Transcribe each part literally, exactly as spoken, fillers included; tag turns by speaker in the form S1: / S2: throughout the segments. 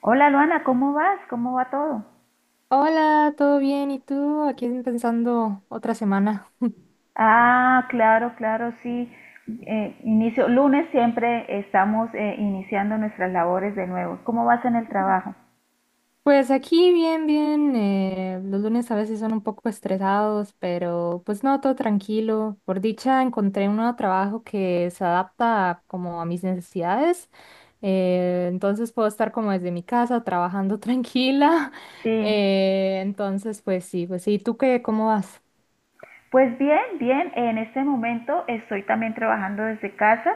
S1: Hola Luana, ¿cómo vas? ¿Cómo va todo?
S2: Hola, ¿todo bien? ¿Y tú? Aquí pensando otra semana.
S1: Ah, claro, claro, sí. Eh, inicio, lunes siempre estamos eh, iniciando nuestras labores de nuevo. ¿Cómo vas en el trabajo?
S2: Pues aquí bien, bien. Eh, los lunes a veces son un poco estresados, pero pues no, todo tranquilo. Por dicha encontré un nuevo trabajo que se adapta como a mis necesidades. Eh, entonces puedo estar como desde mi casa trabajando tranquila.
S1: Sí.
S2: Eh, entonces, pues sí, pues sí. ¿Tú qué? ¿Cómo vas?
S1: Pues bien, bien, en este momento estoy también trabajando desde casa.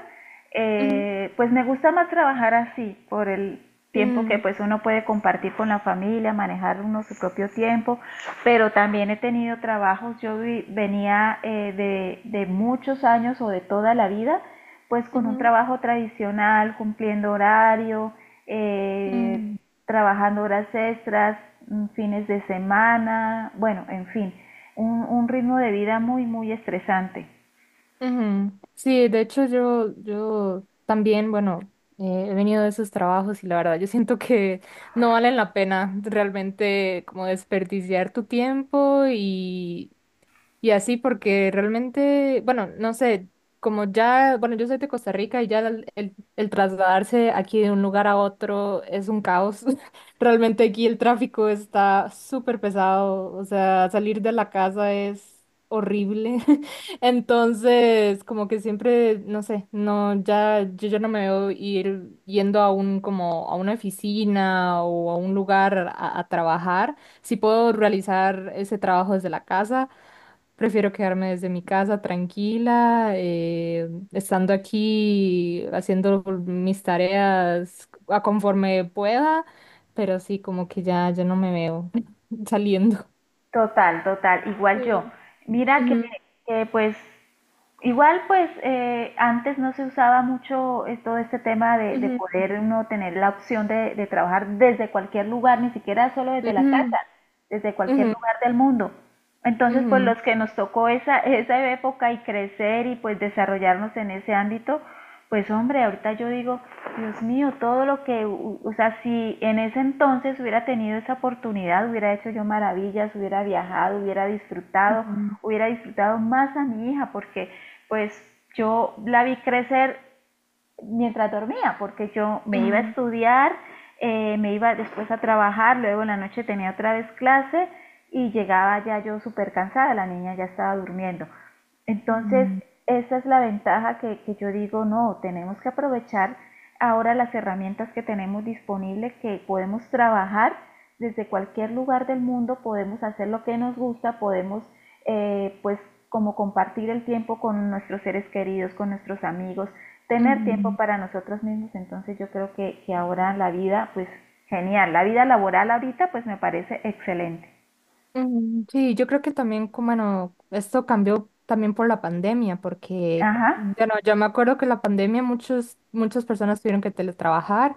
S2: Ujú,
S1: Eh, pues me gusta más trabajar así, por el tiempo que
S2: mm,
S1: pues uno puede compartir con la familia, manejar uno su propio tiempo, pero también he tenido trabajos, yo vi- venía eh, de, de muchos años o de toda la vida pues con un
S2: ujú,
S1: trabajo tradicional, cumpliendo horario, eh,
S2: mm.
S1: trabajando horas extras, mm, fines de semana, bueno, en fin, un, un ritmo de vida muy, muy estresante.
S2: Ujú. Sí, de hecho yo, yo también, bueno, eh, he venido de esos trabajos y la verdad yo siento que no valen la pena realmente como desperdiciar tu tiempo y y así porque realmente, bueno, no sé, como ya, bueno, yo soy de Costa Rica y ya el, el- el trasladarse aquí de un lugar a otro es un caos. Realmente aquí el tráfico está súper pesado, o sea, salir de la casa es horrible. Entonces, como que siempre, no sé, no, ya, yo ya no me veo ir yendo a un, como, a una oficina o a un lugar a, a trabajar. Si puedo realizar ese trabajo desde la casa. Prefiero quedarme desde mi casa tranquila, eh, estando aquí haciendo mis tareas a conforme pueda, pero sí, como que ya, ya no me veo saliendo.
S1: Total, total, igual yo.
S2: Sí.
S1: Mira que,
S2: Ujú,
S1: que, pues igual pues eh, antes no se usaba mucho eh, todo este tema de, de
S2: ujú,
S1: poder uno tener la opción de, de trabajar desde cualquier lugar, ni siquiera solo desde la
S2: ujú,
S1: casa, desde cualquier
S2: ujú,
S1: lugar del mundo. Entonces pues
S2: ujú,
S1: los que nos tocó esa, esa época y crecer y pues desarrollarnos en ese ámbito, pues hombre, ahorita yo digo, Dios mío, todo lo que, o sea, si en ese entonces hubiera tenido esa oportunidad, hubiera hecho yo maravillas, hubiera viajado, hubiera disfrutado,
S2: ujú,
S1: hubiera disfrutado más a mi hija, porque pues yo la vi crecer mientras dormía, porque yo me iba a
S2: ujú,
S1: estudiar, eh, me iba después a trabajar, luego en la noche tenía otra vez clase y llegaba ya yo súper cansada, la niña ya estaba durmiendo. Entonces,
S2: ujú,
S1: esa es la ventaja que, que yo digo, no, tenemos que aprovechar ahora las herramientas que tenemos disponibles, que podemos trabajar desde cualquier lugar del mundo, podemos hacer lo que nos gusta, podemos eh, pues como compartir el tiempo con nuestros seres queridos, con nuestros amigos, tener tiempo
S2: ujú,
S1: para nosotros mismos, entonces yo creo que, que ahora la vida, pues genial, la vida laboral ahorita pues me parece excelente.
S2: ujú. Sí, yo creo que también, como, bueno, esto cambió también por la pandemia, porque,
S1: Ajá.
S2: bueno, yo me acuerdo que la pandemia muchos, muchas personas tuvieron que teletrabajar.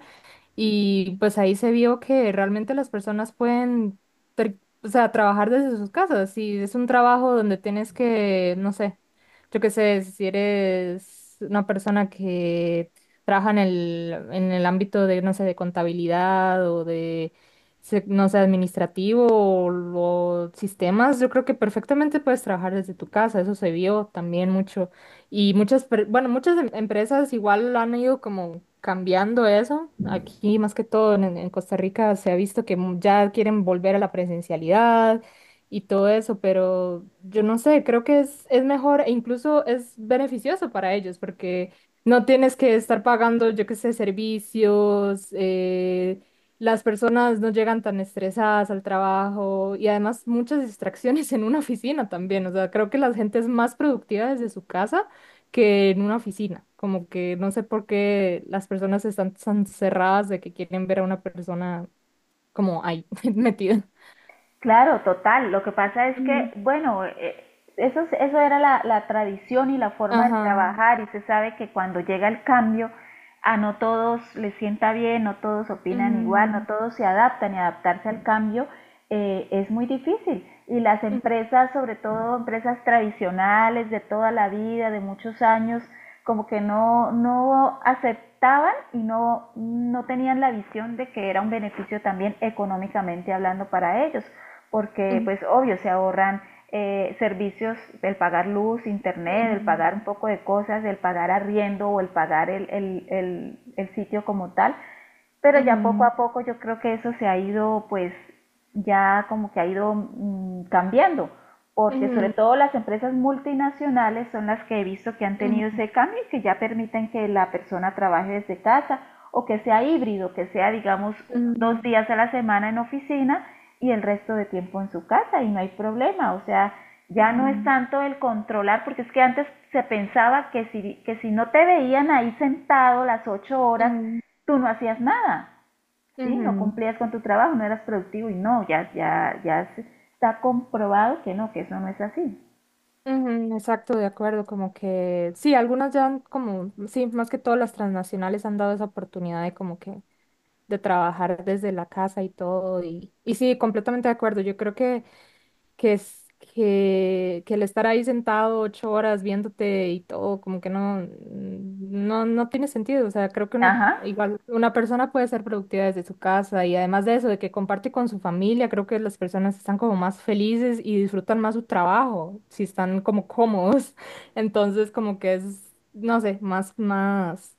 S2: Y pues ahí se vio que realmente las personas pueden, ter- o sea, trabajar desde sus casas. Y es un trabajo donde tienes que, no sé, yo qué sé, si eres una persona que trabaja en el, en el ámbito de, no sé, de contabilidad o de, se- no sé, administrativo o, o sistemas, yo creo que perfectamente puedes trabajar desde tu casa. Eso se vio también mucho y muchas, per- bueno, muchas em- empresas igual han ido como cambiando eso. Aquí, más que todo en, en Costa Rica, se ha visto que mu- ya quieren volver a la presencialidad y todo eso, pero yo no sé, creo que es, es mejor e incluso es beneficioso para ellos porque no tienes que estar pagando, yo qué sé, servicios, eh, las personas no llegan tan estresadas al trabajo y además muchas distracciones en una oficina también. O sea, creo que la gente es más productiva desde su casa que en una oficina. Como que no sé por qué las personas están tan cerradas de que quieren ver a una persona como ahí, metida.
S1: Claro, total. Lo que pasa es que,
S2: Ujú.
S1: bueno, eh, eso, es- eso era la, la tradición y la forma de
S2: Ajá.
S1: trabajar y se sabe que cuando llega el cambio, a no todos les sienta bien, no todos opinan igual, no
S2: Ujú,
S1: todos se adaptan y adaptarse al cambio eh, es muy difícil. Y las
S2: ujú,
S1: empresas, sobre todo empresas tradicionales de toda la vida, de muchos años, como que no, no aceptaban y no, no tenían la visión de que era un beneficio también económicamente hablando para ellos porque
S2: ujú,
S1: pues obvio se ahorran eh, servicios, el pagar luz, internet, el pagar un poco de cosas, el pagar arriendo o el pagar el, el, el, el sitio como tal, pero ya poco a poco yo creo que eso se ha ido pues ya como que ha ido mm, cambiando, porque sobre
S2: ujú,
S1: todo las empresas multinacionales son las que he visto que han tenido
S2: ujú,
S1: ese cambio y que ya permiten que la persona trabaje desde casa o que sea híbrido, que sea digamos
S2: ujú,
S1: dos
S2: ujú,
S1: días a la semana en oficina y el resto de tiempo en su casa y no hay problema, o sea, ya no es tanto el controlar, porque es que antes se pensaba que si, que si no te veían ahí sentado las ocho horas,
S2: ujú,
S1: tú no hacías nada,
S2: ujú,
S1: ¿sí? No
S2: ujú,
S1: cumplías con tu trabajo, no eras productivo y no, ya, ya, ya está comprobado que no, que eso no es así.
S2: ujú, exacto, de acuerdo, como que sí, algunas ya han como, sí, más que todas las transnacionales han dado esa oportunidad de como que de trabajar desde la casa y todo. Y, y sí, completamente de acuerdo. Yo creo que, que es que, que el estar ahí sentado ocho horas viéndote y todo, como que no, no, no tiene sentido. O sea, creo que una,
S1: Ajá,
S2: igual una persona puede ser productiva desde su casa y además de eso, de que comparte con su familia, creo que las personas están como más felices y disfrutan más su trabajo, si están como cómodos. Entonces, como que es, no sé, más, más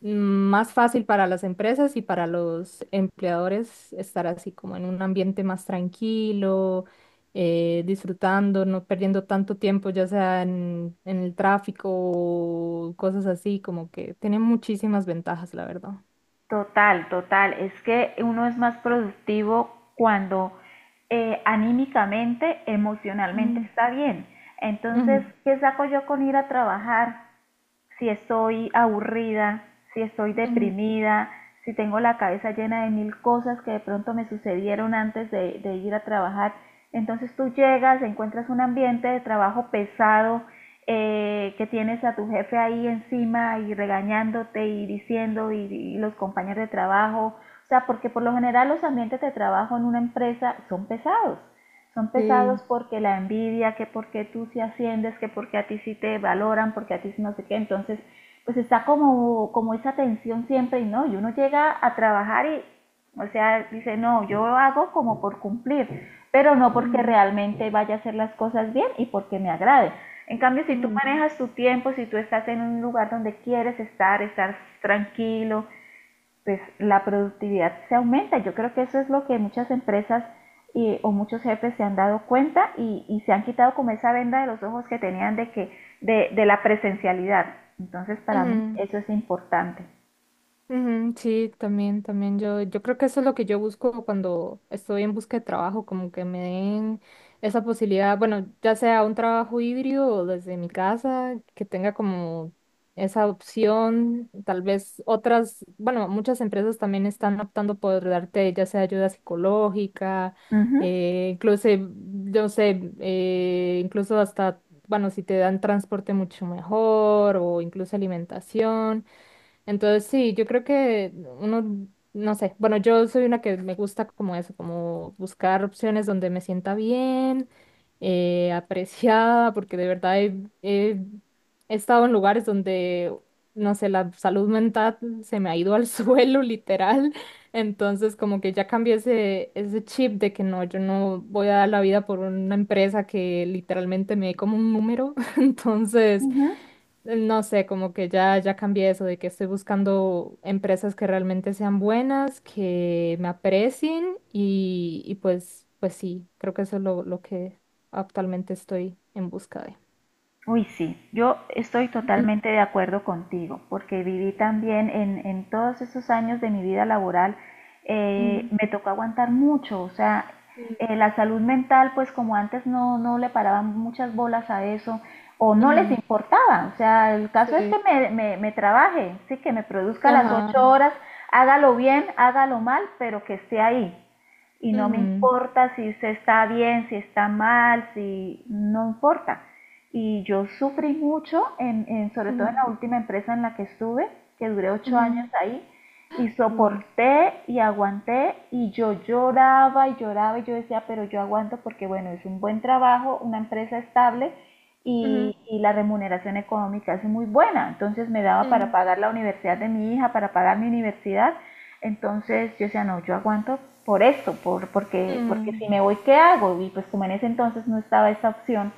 S2: más fácil para las empresas y para los empleadores estar así como en un ambiente más tranquilo, eh, disfrutando, no perdiendo tanto tiempo, ya sea en, en el tráfico o cosas así, como que tiene muchísimas ventajas, la verdad.
S1: total, total. Es que uno es más productivo cuando eh, anímicamente, emocionalmente
S2: Mm,
S1: está bien. Entonces,
S2: ujú,
S1: ¿qué saco yo con ir a trabajar? Si estoy aburrida, si estoy
S2: ujú,
S1: deprimida, si tengo la cabeza llena de mil cosas que de pronto me sucedieron antes de, de ir a trabajar. Entonces tú llegas, encuentras un ambiente de trabajo pesado, eh, que tienes a tu jefe ahí encima y regañándote y diciendo y, y los compañeros de trabajo, o sea, porque por lo general los ambientes de trabajo en una empresa son pesados son
S2: sí.
S1: pesados porque la envidia, que porque tú sí asciendes, que porque a ti sí te valoran, porque a ti sí no sé qué, entonces pues está como, como esa tensión siempre y no, y uno llega a trabajar y, o sea, dice, no, yo lo hago como por cumplir, pero no porque
S2: Ujú,
S1: realmente vaya a hacer las cosas bien y porque me agrade. En cambio, si tú
S2: ujú,
S1: manejas tu tiempo, si tú estás en un lugar donde quieres estar, estar tranquilo, pues la productividad se aumenta. Yo creo que eso es lo que muchas empresas y, o muchos jefes se han dado cuenta y, y, se han quitado como esa venda de los ojos que tenían de que de, de la presencialidad. Entonces para mí
S2: ujú.
S1: eso es importante.
S2: Ujú, sí, también, también yo, yo creo que eso es lo que yo busco cuando estoy en busca de trabajo, como que me den esa posibilidad, bueno, ya sea un trabajo híbrido o desde mi casa, que tenga como esa opción, tal vez otras, bueno, muchas empresas también están optando por darte ya sea ayuda psicológica,
S1: Uh -huh,
S2: eh, incluso, yo sé, eh, incluso hasta, bueno, si te dan transporte mucho mejor o incluso alimentación. Entonces, sí, yo creo que uno, no sé, bueno, yo soy una que me gusta como eso, como buscar opciones donde me sienta bien, eh, apreciada, porque de verdad he, he- he estado en lugares donde, no sé, la salud mental se me ha ido al suelo, literal. Entonces, como que ya cambié ese, ese chip de que no, yo no voy a dar la vida por una empresa que literalmente me dé como un número.
S1: uh
S2: Entonces...
S1: -huh.
S2: No sé, como que ya, ya cambié eso de que estoy buscando empresas que realmente sean buenas, que me aprecien y, y pues, pues sí, creo que eso es lo, lo que actualmente estoy en busca de.
S1: Uy, sí, yo estoy totalmente de acuerdo contigo, porque viví también en, en todos esos años de mi vida laboral, eh,
S2: Ujú,
S1: me tocó aguantar mucho, o sea,
S2: ujú,
S1: eh, la salud mental, pues como antes no, no le paraban muchas bolas a eso, o no les
S2: ujú,
S1: importaba, o sea, el caso es
S2: sí,
S1: que me, me, me trabaje, sí, que me produzca las
S2: ajá.
S1: ocho horas, hágalo bien, hágalo mal, pero que esté ahí y no me
S2: Ujú,
S1: importa si usted está bien, si está mal, si no importa. Y yo sufrí mucho, en, en, sobre todo en
S2: ujú,
S1: la última empresa en la que estuve, que duré ocho años
S2: ujú,
S1: ahí, y
S2: wow.
S1: soporté y aguanté y yo lloraba y lloraba y yo decía, pero yo aguanto porque bueno, es un buen trabajo, una empresa estable
S2: Ujú,
S1: y, y la remuneración económica es muy buena, entonces me daba para
S2: ujú,
S1: pagar la universidad de mi hija, para pagar mi universidad entonces yo decía, no, yo aguanto por esto, por, porque, porque si
S2: ujú,
S1: me voy, ¿qué hago? Y pues como en ese entonces no estaba esa opción,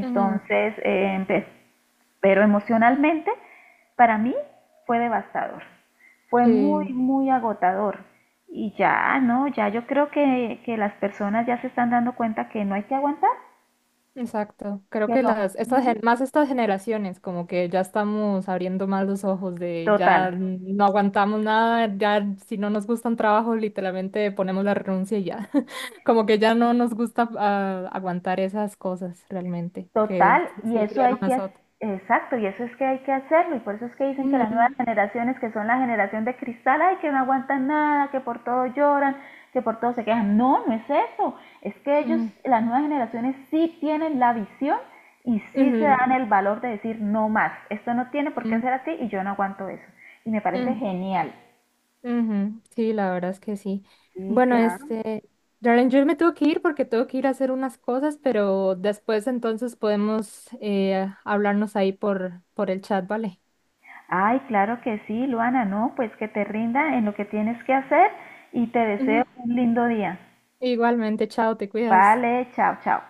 S2: ujú,
S1: eh, empecé. Pero emocionalmente, para mí fue devastador, fue muy,
S2: sí.
S1: muy agotador. Y ya, no, ya yo creo que, que las personas ya se están dando cuenta que no hay que aguantar,
S2: Exacto. Creo
S1: que
S2: que
S1: lo
S2: las, estas, gen- más estas generaciones, como que ya estamos abriendo más los ojos de ya
S1: total,
S2: no aguantamos nada, ya si no nos gusta un trabajo, literalmente ponemos la renuncia y ya. Como que ya no nos gusta ah, aguantar esas cosas realmente, que
S1: total, y
S2: siempre
S1: eso hay
S2: criaron
S1: que,
S2: nosotros.
S1: exacto, y eso es que hay que hacerlo, y por eso es que dicen que las
S2: Ujú,
S1: nuevas generaciones, que son la generación de cristal, ay, que no aguantan nada, que por todo lloran, que por todo se quejan. No, no es eso, es que ellos,
S2: ujú,
S1: las nuevas generaciones sí tienen la visión y sí se
S2: ujú,
S1: dan el valor de decir no más, esto no tiene por qué
S2: ujú,
S1: ser así y yo no aguanto eso. Y me parece
S2: ujú.
S1: genial.
S2: Ujú, sí, la verdad es que sí.
S1: Sí,
S2: Bueno,
S1: claro.
S2: este, Darren, yo me tengo que ir porque tengo que ir a hacer unas cosas, pero después entonces podemos eh, hablarnos ahí por, por el chat, ¿vale?
S1: Ay, claro que sí, Luana, no, pues que te rinda en lo que tienes que hacer y te deseo
S2: Ujú,
S1: un lindo día.
S2: igualmente, chao, te cuidas.
S1: Vale, chao, chao.